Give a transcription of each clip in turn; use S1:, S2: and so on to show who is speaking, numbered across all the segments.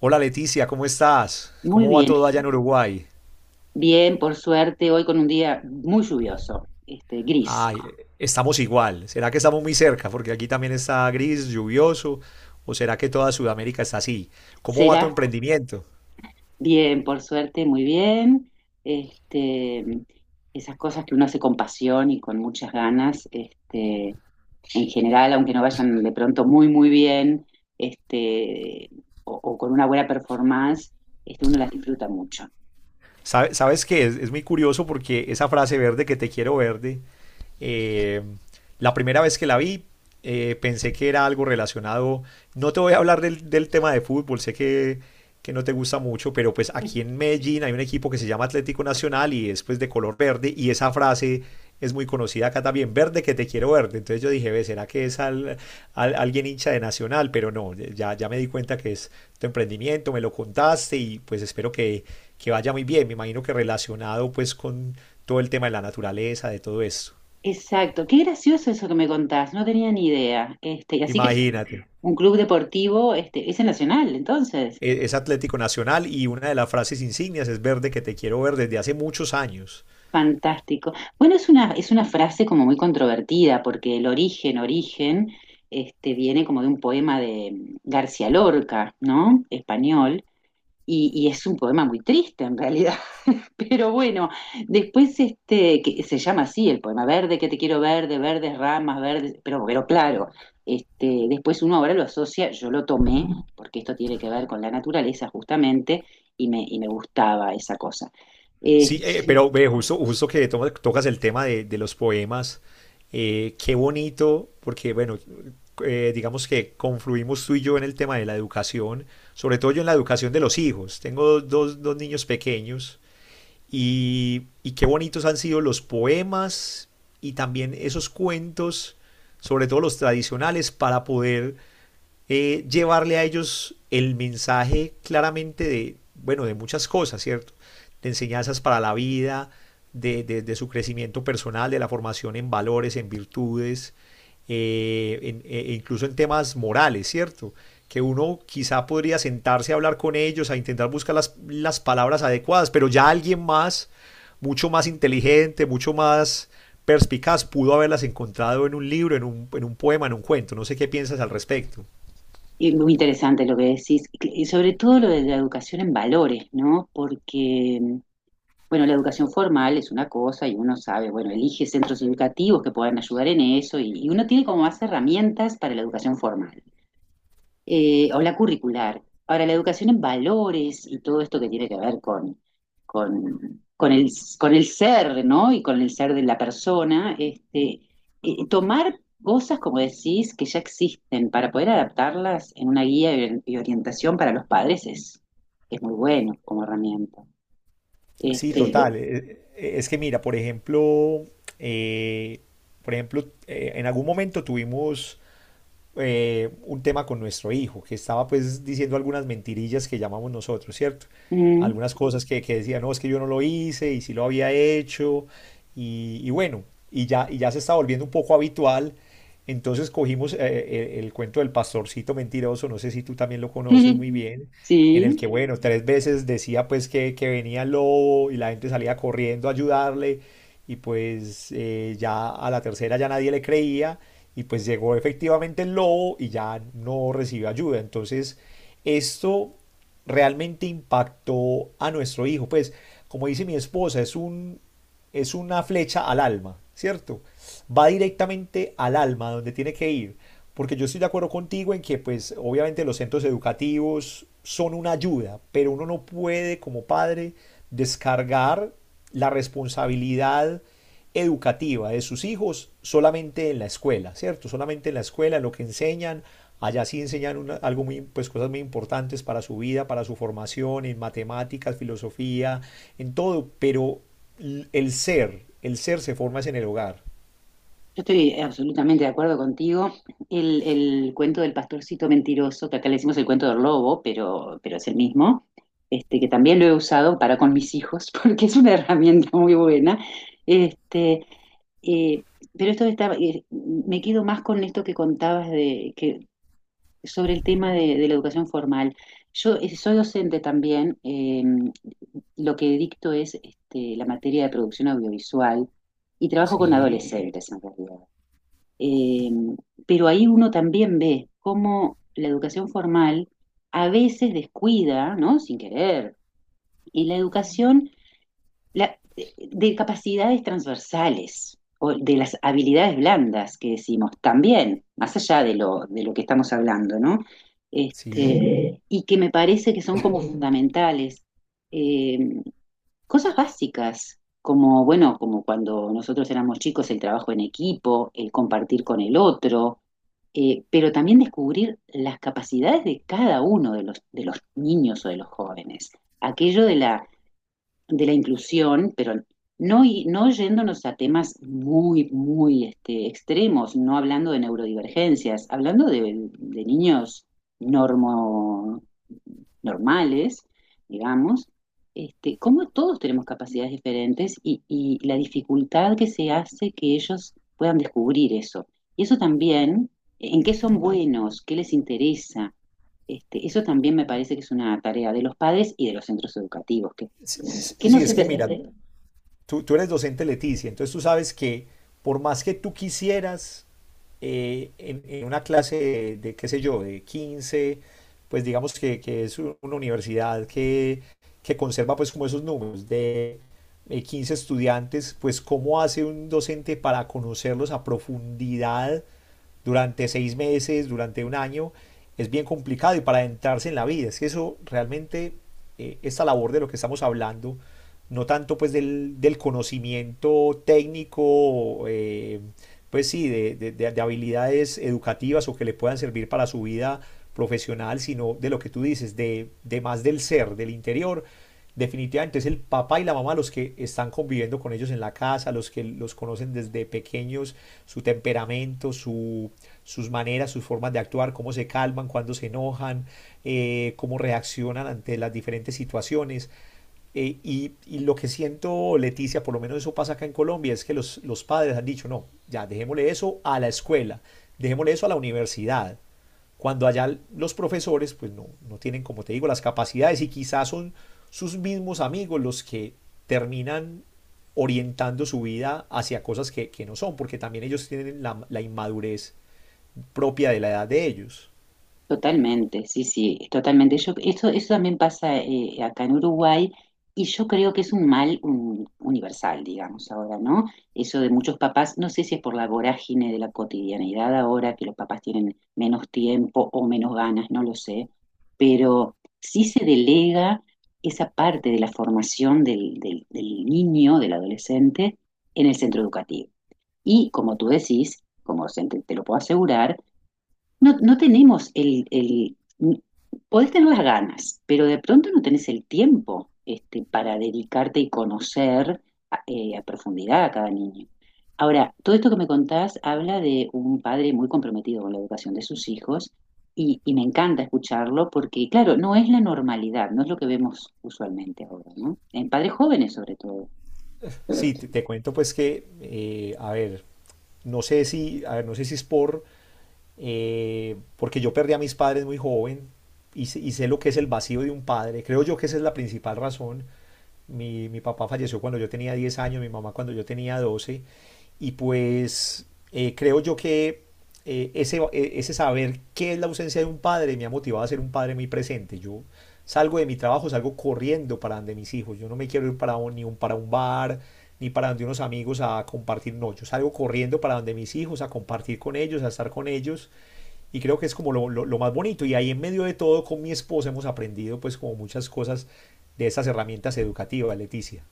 S1: Hola Leticia, ¿cómo estás?
S2: Muy
S1: ¿Cómo va
S2: bien,
S1: todo allá en Uruguay?
S2: bien, por suerte, hoy con un día muy lluvioso, gris.
S1: Ay, estamos igual. ¿Será que estamos muy cerca? Porque aquí también está gris, lluvioso. ¿O será que toda Sudamérica está así? ¿Cómo va
S2: ¿Será?
S1: tu emprendimiento?
S2: Bien, por suerte, muy bien. Este, Esas cosas que uno hace con pasión y con muchas ganas, en general, aunque no vayan de pronto muy bien, este, o con una buena performance, uno las disfruta mucho.
S1: ¿Sabes qué? Es muy curioso porque esa frase verde que te quiero verde, eh, la primera vez que la vi, pensé que era algo relacionado. No te voy a hablar del tema de fútbol, sé que no te gusta mucho, pero pues aquí en Medellín hay un equipo que se llama Atlético Nacional y es pues de color verde y esa frase es muy conocida acá también, verde que te quiero verde. Entonces yo dije, ve, ¿será que es alguien hincha de Nacional? Pero no, ya me di cuenta que es tu emprendimiento, me lo contaste y pues espero que vaya muy bien, me imagino que relacionado pues con todo el tema de la naturaleza, de todo esto.
S2: Exacto, qué gracioso eso que me contás, no tenía ni idea. Y así que es
S1: Imagínate,
S2: un club deportivo, es el Nacional, entonces.
S1: es Atlético Nacional y una de las frases insignias es verde que te quiero ver desde hace muchos años.
S2: Fantástico. Bueno, es una frase como muy controvertida, porque el origen, viene como de un poema de García Lorca, ¿no? Español, y es un poema muy triste en realidad, pero bueno, después que se llama así el poema, verde que te quiero verde, verdes ramas, verdes, pero claro, después uno ahora lo asocia, yo lo tomé, porque esto tiene que ver con la naturaleza justamente, y me gustaba esa cosa.
S1: Sí,
S2: Este,
S1: pero ve, justo que tocas el tema de los poemas, qué bonito, porque bueno, digamos que confluimos tú y yo en el tema de la educación, sobre todo yo en la educación de los hijos. Tengo dos niños pequeños. Y qué bonitos han sido los poemas y también esos cuentos, sobre todo los tradicionales, para poder llevarle a ellos el mensaje claramente de, bueno, de muchas cosas, ¿cierto? De enseñanzas para la vida, de su crecimiento personal, de la formación en valores, en virtudes, e incluso en temas morales, ¿cierto? Que uno quizá podría sentarse a hablar con ellos, a intentar buscar las palabras adecuadas, pero ya alguien más, mucho más inteligente, mucho más perspicaz, pudo haberlas encontrado en un libro, en un poema, en un cuento. No sé qué piensas al respecto.
S2: Y muy interesante lo que decís, y sobre todo lo de la educación en valores, ¿no? Porque, bueno, la educación formal es una cosa y uno sabe, bueno, elige centros educativos que puedan ayudar en eso y uno tiene como más herramientas para la educación formal o la curricular. Ahora, la educación en valores y todo esto que tiene que ver con, con el, con el ser, ¿no? Y con el ser de la persona, tomar cosas, como decís, que ya existen para poder adaptarlas en una guía y orientación para los padres es muy bueno como herramienta. Sí.
S1: Sí, total. Es que mira, por ejemplo, eh, por ejemplo, en algún momento tuvimos un tema con nuestro hijo, que estaba pues diciendo algunas mentirillas que llamamos nosotros, ¿cierto?
S2: Mm,
S1: Algunas cosas que decía, no, es que yo no lo hice y sí lo había hecho y bueno, y ya se está volviendo un poco habitual. Entonces cogimos el cuento del pastorcito mentiroso, no sé si tú también lo conoces muy bien, en el
S2: sí.
S1: que, bueno, tres veces decía pues que venía el lobo y la gente salía corriendo a ayudarle y pues ya a la tercera ya nadie le creía y pues llegó efectivamente el lobo y ya no recibió ayuda. Entonces esto realmente impactó a nuestro hijo. Pues como dice mi esposa, es una flecha al alma, ¿cierto? Va directamente al alma, donde tiene que ir. Porque yo estoy de acuerdo contigo en que, pues, obviamente los centros educativos son una ayuda, pero uno no puede como padre descargar la responsabilidad educativa de sus hijos solamente en la escuela, ¿cierto? Solamente en la escuela, lo que enseñan, allá sí enseñan algo muy, pues cosas muy importantes para su vida, para su formación, en matemáticas, filosofía, en todo, pero el ser se forma es en el hogar.
S2: Yo estoy absolutamente de acuerdo contigo. El cuento del pastorcito mentiroso, que acá le decimos el cuento del lobo, pero es el mismo, que también lo he usado para con mis hijos, porque es una herramienta muy buena. Este, eh, pero esto está, me quedo más con esto que contabas sobre el tema de la educación formal. Yo soy docente también, lo que dicto es la materia de producción audiovisual y trabajo con
S1: Sí,
S2: adolescentes en realidad. Eh, pero ahí uno también ve cómo la educación formal a veces descuida, ¿no? Sin querer, y la educación la- de capacidades transversales o de las habilidades blandas que decimos también, más allá de lo que estamos hablando, ¿no?
S1: sí.
S2: Y que me parece que son como fundamentales. Eh, Cosas básicas, como, bueno, como cuando nosotros éramos chicos, el trabajo en equipo, el compartir con el otro, pero también descubrir las capacidades de cada uno de los niños o de los jóvenes. Aquello de la inclusión, pero no, no yéndonos a temas muy extremos, no hablando de neurodivergencias, hablando de niños normo, normales, digamos, cómo todos tenemos capacidades diferentes y la dificultad que se hace que ellos puedan descubrir eso. Y eso también, en qué son buenos, qué les interesa. Eso también me parece que es una tarea de los padres y de los centros educativos, que,
S1: Sí,
S2: que no
S1: sí, es
S2: siempre
S1: que
S2: se
S1: mira,
S2: hace.
S1: tú eres docente Leticia, entonces tú sabes que por más que tú quisieras en una clase qué sé yo, de 15, pues digamos que es una universidad que conserva pues como esos números de 15 estudiantes, pues cómo hace un docente para conocerlos a profundidad durante seis meses, durante un año, es bien complicado y para adentrarse en la vida. Es que eso realmente, esta labor de lo que estamos hablando, no tanto pues del conocimiento técnico, pues sí, habilidades educativas o que le puedan servir para su vida profesional, sino de lo que tú dices, de más del ser, del interior. Definitivamente es el papá y la mamá los que están conviviendo con ellos en la casa, los que los conocen desde pequeños, su temperamento, su, sus maneras, sus formas de actuar, cómo se calman, cuando se enojan, cómo reaccionan ante las diferentes situaciones. Y lo que siento, Leticia, por lo menos eso pasa acá en Colombia, es que los padres han dicho, no, ya dejémosle eso a la escuela, dejémosle eso a la universidad, cuando allá los profesores pues no, no tienen, como te digo, las capacidades y quizás son sus mismos amigos los que terminan orientando su vida hacia cosas que no son, porque también ellos tienen la inmadurez propia de la edad de ellos.
S2: Totalmente, sí, sí, totalmente. Yo, eso también pasa acá en Uruguay y yo creo que es un mal universal, digamos, ahora, ¿no? Eso de muchos papás, no sé si es por la vorágine de la cotidianidad ahora, que los papás tienen menos tiempo o menos ganas, no lo sé, pero sí se delega esa parte de la formación del niño, del adolescente, en el centro educativo. Y como tú decís, te lo puedo asegurar, no, no tenemos podés tener las ganas, pero de pronto no tenés el tiempo para dedicarte y conocer a profundidad a cada niño. Ahora, todo esto que me contás habla de un padre muy comprometido con la educación de sus hijos y me encanta escucharlo porque, claro, no es la normalidad, no es lo que vemos usualmente ahora, ¿no? En padres jóvenes sobre todo.
S1: Sí, te cuento pues que, a ver, no sé si, a ver, no sé si es por porque yo perdí a mis padres muy joven y, y sé lo que es el vacío de un padre. Creo yo que esa es la principal razón. Mi papá falleció cuando yo tenía 10 años, mi mamá cuando yo tenía doce. Y pues creo yo que ese saber qué es la ausencia de un padre me ha motivado a ser un padre muy presente. Yo salgo de mi trabajo, salgo corriendo para donde mis hijos. Yo no me quiero ir para un- ni un, para un bar, ni para donde unos amigos a compartir. No, yo salgo corriendo para donde mis hijos, a compartir con ellos, a estar con ellos y creo que es como lo más bonito. Y ahí en medio de todo, con mi esposa hemos aprendido pues como muchas cosas de esas herramientas educativas, Leticia.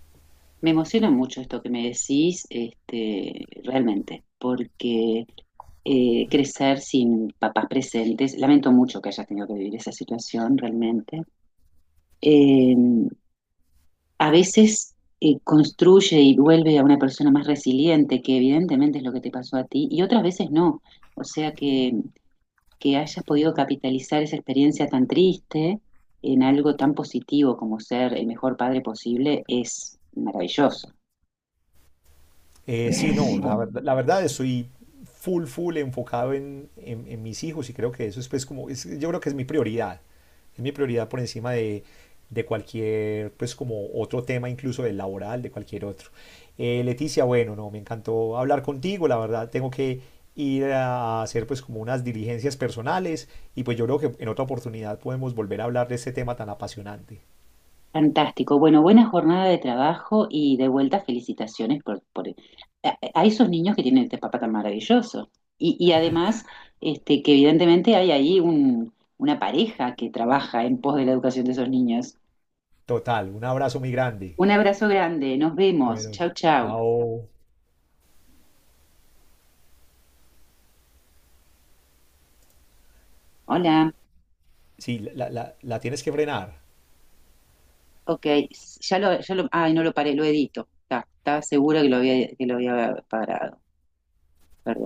S2: Me emociona mucho esto que me decís, realmente, porque crecer sin papás presentes, lamento mucho que hayas tenido que vivir esa situación realmente, eh, a veces construye y vuelve a una persona más resiliente, que evidentemente es lo que te pasó a ti, y otras veces no. O sea que hayas podido capitalizar esa experiencia tan triste en algo tan positivo como ser el mejor padre posible es maravilloso.
S1: Sí, no, la verdad estoy full enfocado en mis hijos y creo que eso es pues como, yo creo que es mi prioridad por encima de cualquier pues como otro tema incluso del laboral, de cualquier otro. Leticia, bueno, no, me encantó hablar contigo, la verdad tengo que ir a hacer pues como unas diligencias personales y pues yo creo que en otra oportunidad podemos volver a hablar de este tema tan apasionante.
S2: Fantástico. Bueno, buena jornada de trabajo y de vuelta felicitaciones por a esos niños que tienen este papá tan maravilloso. Y además, que evidentemente hay ahí un, una pareja que trabaja en pos de la educación de esos niños.
S1: Total, un abrazo muy grande.
S2: Un abrazo grande, nos vemos.
S1: Bueno,
S2: Chau, chau.
S1: chao.
S2: Hola.
S1: Sí, la tienes que frenar.
S2: Ok, no lo paré, lo edito. Estaba segura que lo había parado. Perdón.